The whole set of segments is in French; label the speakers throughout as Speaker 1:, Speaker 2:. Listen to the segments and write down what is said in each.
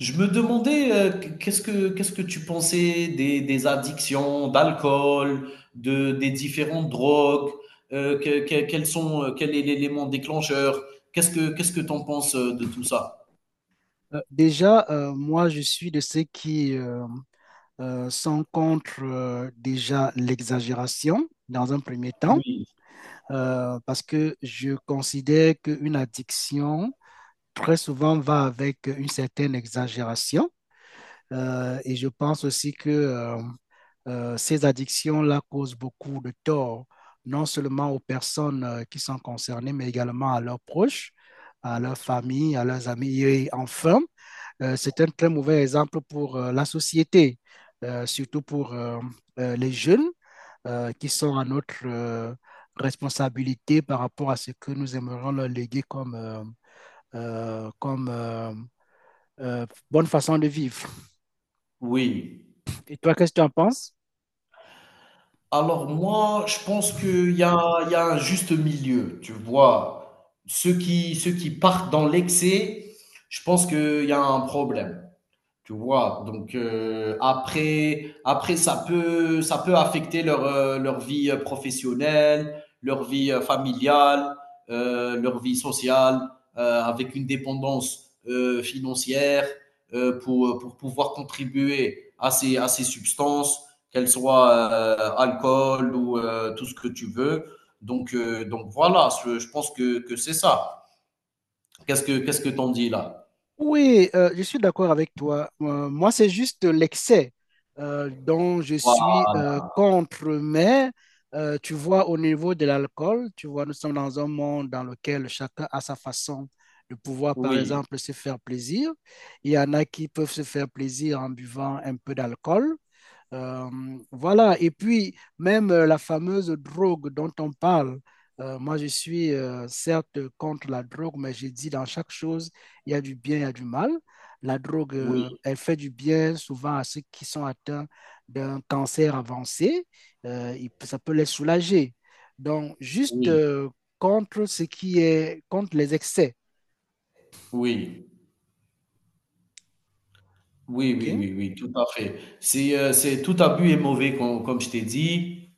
Speaker 1: Je me demandais, qu'est-ce que tu pensais des addictions, d'alcool, des différentes drogues, quels sont, quel est l'élément déclencheur? Qu'est-ce que tu en penses de tout ça?
Speaker 2: Moi, je suis de ceux qui sont contre déjà l'exagération dans un premier temps,
Speaker 1: Oui.
Speaker 2: parce que je considère qu'une addiction, très souvent, va avec une certaine exagération. Et je pense aussi que ces addictions-là causent beaucoup de tort, non seulement aux personnes qui sont concernées, mais également à leurs proches, à leur famille, à leurs amis. Et enfin, c'est un très mauvais exemple pour la société, surtout pour les jeunes qui sont à notre responsabilité par rapport à ce que nous aimerions leur léguer comme bonne façon de vivre.
Speaker 1: Oui.
Speaker 2: Et toi, qu'est-ce que tu en penses?
Speaker 1: Alors moi, je pense il y a un juste milieu, tu vois. Ceux qui partent dans l'excès, je pense qu'il y a un problème. Tu vois? Donc après ça peut affecter leur vie, professionnelle, leur vie, familiale, leur vie sociale, avec une dépendance, financière, pour pouvoir contribuer à ces substances, qu'elles soient, alcool ou, tout ce que tu veux. Donc voilà, ce je pense que c'est ça. Qu'est-ce que t'en dis là?
Speaker 2: Oui, je suis d'accord avec toi. Moi, c'est juste l'excès dont je
Speaker 1: Voilà.
Speaker 2: suis contre, mais tu vois, au niveau de l'alcool, tu vois, nous sommes dans un monde dans lequel chacun a sa façon de pouvoir, par
Speaker 1: Oui,
Speaker 2: exemple, se faire plaisir. Il y en a qui peuvent se faire plaisir en buvant un peu d'alcool. Euh, voilà, et puis même la fameuse drogue dont on parle, moi je suis certes contre la drogue, mais j'ai dit dans chaque chose, il y a du bien, il y a du mal. La drogue,
Speaker 1: oui,
Speaker 2: elle fait du bien souvent à ceux qui sont atteints d'un cancer avancé, ça peut les soulager. Donc, juste
Speaker 1: oui,
Speaker 2: euh, contre ce qui est, contre les excès,
Speaker 1: oui. Oui, oui,
Speaker 2: ok.
Speaker 1: oui, oui, tout à fait. C'est tout abus est mauvais comme je t'ai dit.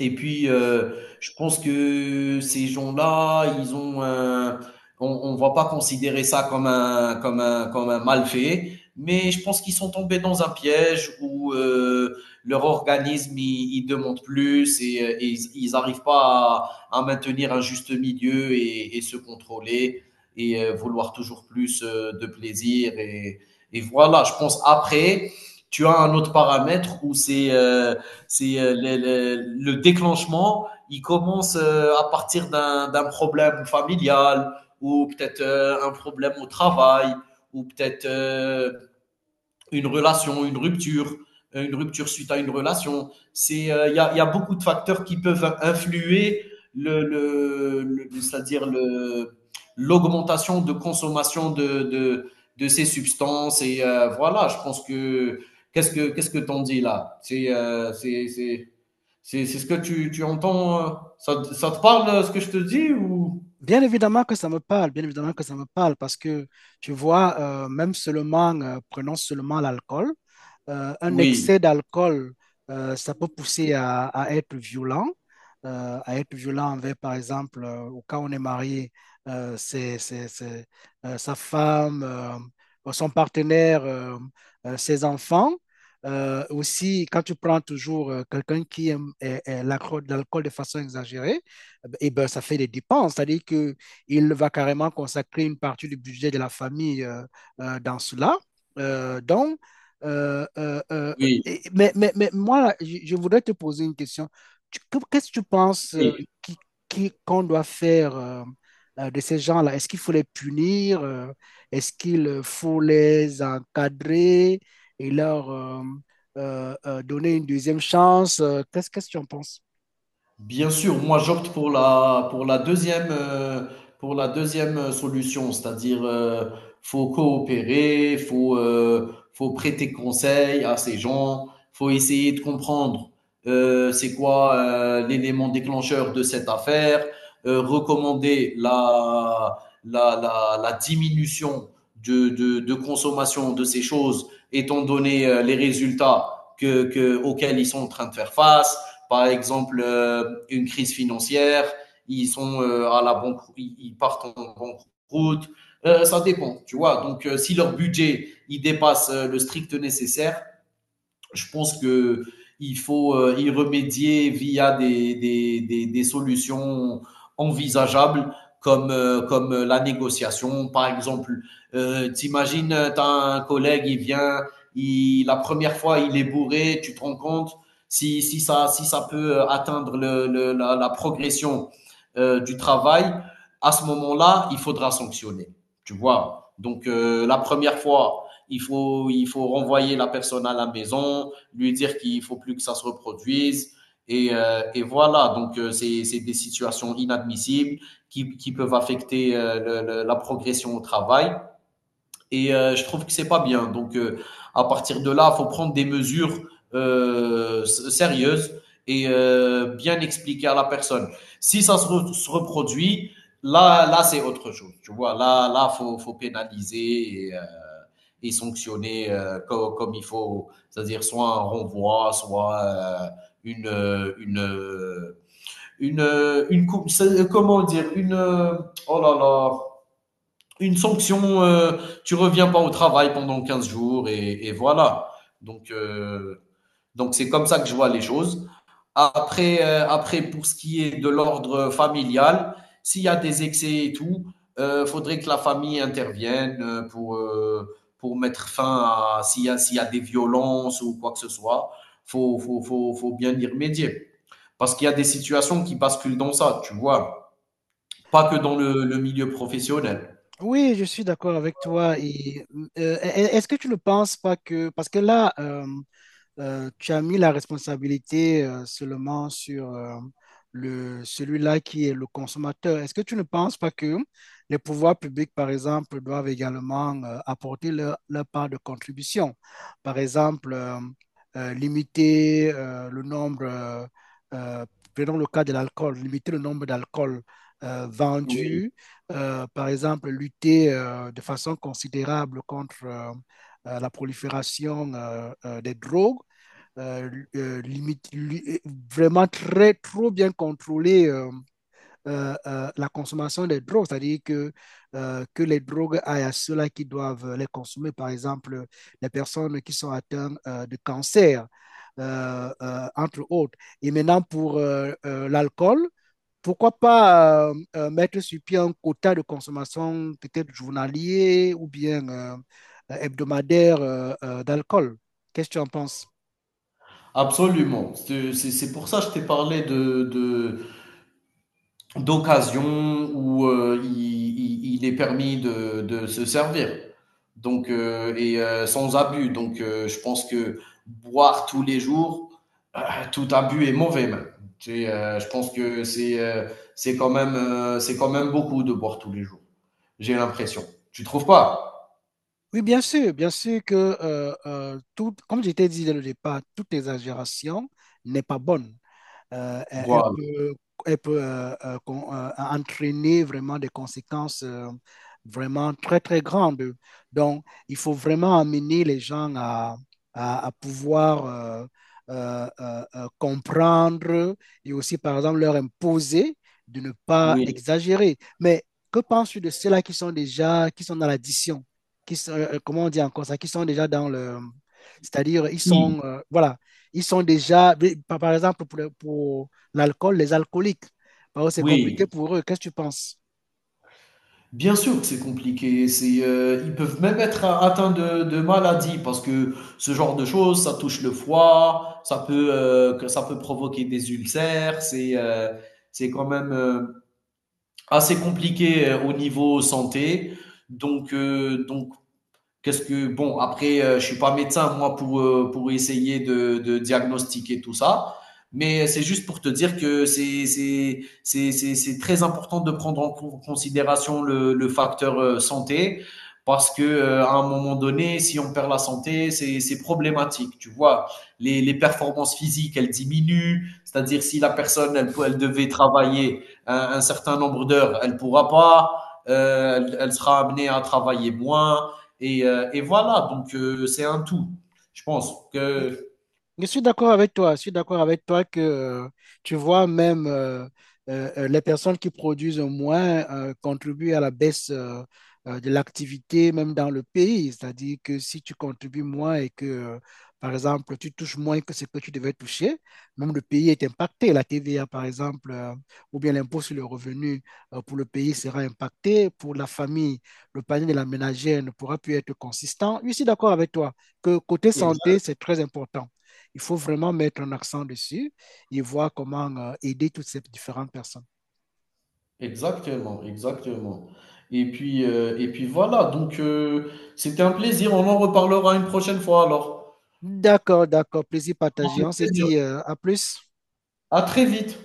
Speaker 1: Et puis, je pense que ces gens-là, on ne va pas considérer ça comme un mal fait, mais je pense qu'ils sont tombés dans un piège où leur organisme, il demande plus et ils n'arrivent pas à, à maintenir un juste milieu et se contrôler et vouloir toujours plus de plaisir. Et voilà, je pense après, tu as un autre paramètre où c'est le déclenchement, il commence à partir d'un problème familial ou peut-être un problème au travail ou peut-être une relation, une rupture suite à une relation. C'est il y, a, y a beaucoup de facteurs qui peuvent influer le c'est-à-dire le l'augmentation de consommation de ces substances et voilà. Je pense que qu'est-ce que t'en dis là? C'est c'est ce que tu entends. Ça, ça te parle ce que je te dis, ou?
Speaker 2: Bien évidemment que ça me parle, bien évidemment que ça me parle, parce que tu vois, même seulement, prenons seulement l'alcool, un
Speaker 1: Oui,
Speaker 2: excès d'alcool, ça peut pousser à être violent envers, par exemple, au cas où on est marié, c'est, sa femme, son partenaire, ses enfants. Aussi, quand tu prends toujours quelqu'un qui aime l'alcool de façon exagérée, eh ben, ça fait des dépenses. C'est-à-dire qu'il va carrément consacrer une partie du budget de la famille dans cela. Donc, euh, euh, euh,
Speaker 1: oui,
Speaker 2: et- mais moi, je voudrais te poser une question. Qu'est-ce que tu penses
Speaker 1: oui.
Speaker 2: qui, qu'on doit faire de ces gens-là? Est-ce qu'il faut les punir? Est-ce qu'il faut les encadrer et leur donner une deuxième chance? Qu'est-ce que tu en penses?
Speaker 1: Bien sûr, moi j'opte pour la deuxième, pour la deuxième solution, c'est-à-dire faut coopérer, faut prêter conseil à ces gens, faut essayer de comprendre c'est quoi l'élément déclencheur de cette affaire, recommander la diminution de consommation de ces choses étant donné les résultats auxquels ils sont en train de faire face, par exemple, une crise financière, ils sont à la banque, ils partent en banqueroute. Ça dépend, tu vois. Donc, si leur budget il dépasse le strict nécessaire, je pense que il faut y remédier via des solutions envisageables comme, comme la négociation. Par exemple, t'imagines, tu as un collègue, il vient, la première fois, il est bourré, tu te rends compte si ça peut atteindre la progression du travail, à ce moment-là, il faudra sanctionner. Tu vois? Donc, la première fois, il faut renvoyer la personne à la maison, lui dire qu'il ne faut plus que ça se reproduise. Et voilà, donc c'est des situations inadmissibles qui peuvent affecter la progression au travail. Et je trouve que c'est pas bien. Donc à partir de là, il faut prendre des mesures euh, sérieuses et bien expliquer à la personne. Si ça se reproduit, là c'est autre chose. Tu vois, là faut pénaliser. Et sanctionner comme il faut, c'est-à-dire soit un renvoi, soit une, euh, une, euh, une, comment dire, oh là là, une sanction, tu reviens pas au travail pendant 15 jours et voilà. Donc, euh, donc c'est comme ça que je vois les choses. Après, pour ce qui est de l'ordre familial, s'il y a des excès et tout, il faudrait que la famille intervienne pour mettre fin à s'il y a des violences ou quoi que ce soit. Il faut bien y remédier. Parce qu'il y a des situations qui basculent dans ça, tu vois. Pas que dans le milieu professionnel.
Speaker 2: Oui, je suis d'accord avec toi. Et est-ce que tu ne penses pas que, parce que là, tu as mis la responsabilité seulement sur le, celui-là qui est le consommateur. Est-ce que tu ne penses pas que les pouvoirs publics, par exemple, doivent également apporter leur, leur part de contribution? Par exemple, limiter le nombre, euh, prenons le cas de l'alcool, limiter le nombre d'alcool
Speaker 1: Oui,
Speaker 2: vendu, par exemple, lutter de façon considérable contre... la prolifération des drogues euh, euh, limite, li- vraiment très, trop bien contrôler la consommation des drogues, c'est-à-dire que les drogues aillent à ceux-là qui doivent les consommer, par exemple, les personnes qui sont atteintes de cancer, entre autres. Et maintenant, pour l'alcool, pourquoi pas mettre sur pied un quota de consommation, peut-être journalier ou bien hebdomadaire d'alcool? Qu'est-ce que tu en penses?
Speaker 1: absolument. C'est pour ça que je t'ai parlé de, d'occasion où il est permis de se servir. Donc, sans abus. Donc, je pense que boire tous les jours, euh, tout abus est mauvais même. Tu Je pense que c'est quand même beaucoup de boire tous les jours. J'ai l'impression. Tu trouves pas?
Speaker 2: Oui, bien sûr que, tout, comme je t'ai dit dès le départ, toute exagération n'est pas bonne. Euh, elle
Speaker 1: Voilà.
Speaker 2: peut, elle peut entraîner vraiment des conséquences vraiment très, très grandes. Donc, il faut vraiment amener les gens à pouvoir comprendre et aussi, par exemple, leur imposer de ne pas
Speaker 1: Oui.
Speaker 2: exagérer. Mais que penses-tu de ceux-là qui sont déjà, qui sont dans l'addition, qui sont, comment on dit encore ça, qui sont déjà dans le, c'est-à-dire, ils
Speaker 1: Qui?
Speaker 2: sont, voilà, ils sont déjà, par exemple, pour l'alcool, les alcooliques, bah, c'est compliqué
Speaker 1: Oui.
Speaker 2: pour eux. Qu'est-ce que tu penses?
Speaker 1: Bien sûr que c'est compliqué. C'est, ils peuvent même atteints de maladies parce que ce genre de choses, ça touche le foie, ça peut, ça peut provoquer des ulcères. C'est quand même assez compliqué au niveau santé. Donc qu'est-ce que bon après je suis pas médecin moi pour essayer de diagnostiquer tout ça, mais c'est juste pour te dire que c'est très important de prendre en considération le facteur santé, parce que à un moment donné, si on perd la santé, c'est problématique, tu vois. Les performances physiques, elles diminuent, c'est-à-dire si la personne, elle devait travailler un certain nombre d'heures, elle pourra pas, elle sera amenée à travailler moins et voilà, donc c'est un tout. Je pense que.
Speaker 2: Je suis d'accord avec toi. Je suis d'accord avec toi que tu vois même les personnes qui produisent moins contribuent à la baisse de l'activité même dans le pays. C'est-à-dire que si tu contribues moins et que par exemple tu touches moins que ce que tu devais toucher, même le pays est impacté. La TVA par exemple ou bien l'impôt sur le revenu pour le pays sera impacté. Pour la famille, le panier de la ménagère ne pourra plus être consistant. Je suis d'accord avec toi que côté santé
Speaker 1: Exact-
Speaker 2: c'est très important. Il faut vraiment mettre un accent dessus et voir comment aider toutes ces différentes personnes.
Speaker 1: Exactement, exactement. Et puis voilà, donc c'était un plaisir, on en reparlera une prochaine fois alors.
Speaker 2: D'accord, d'accord. Plaisir
Speaker 1: Ça m'a
Speaker 2: partagé.
Speaker 1: fait
Speaker 2: On s'est
Speaker 1: plaisir.
Speaker 2: dit à plus.
Speaker 1: À très vite.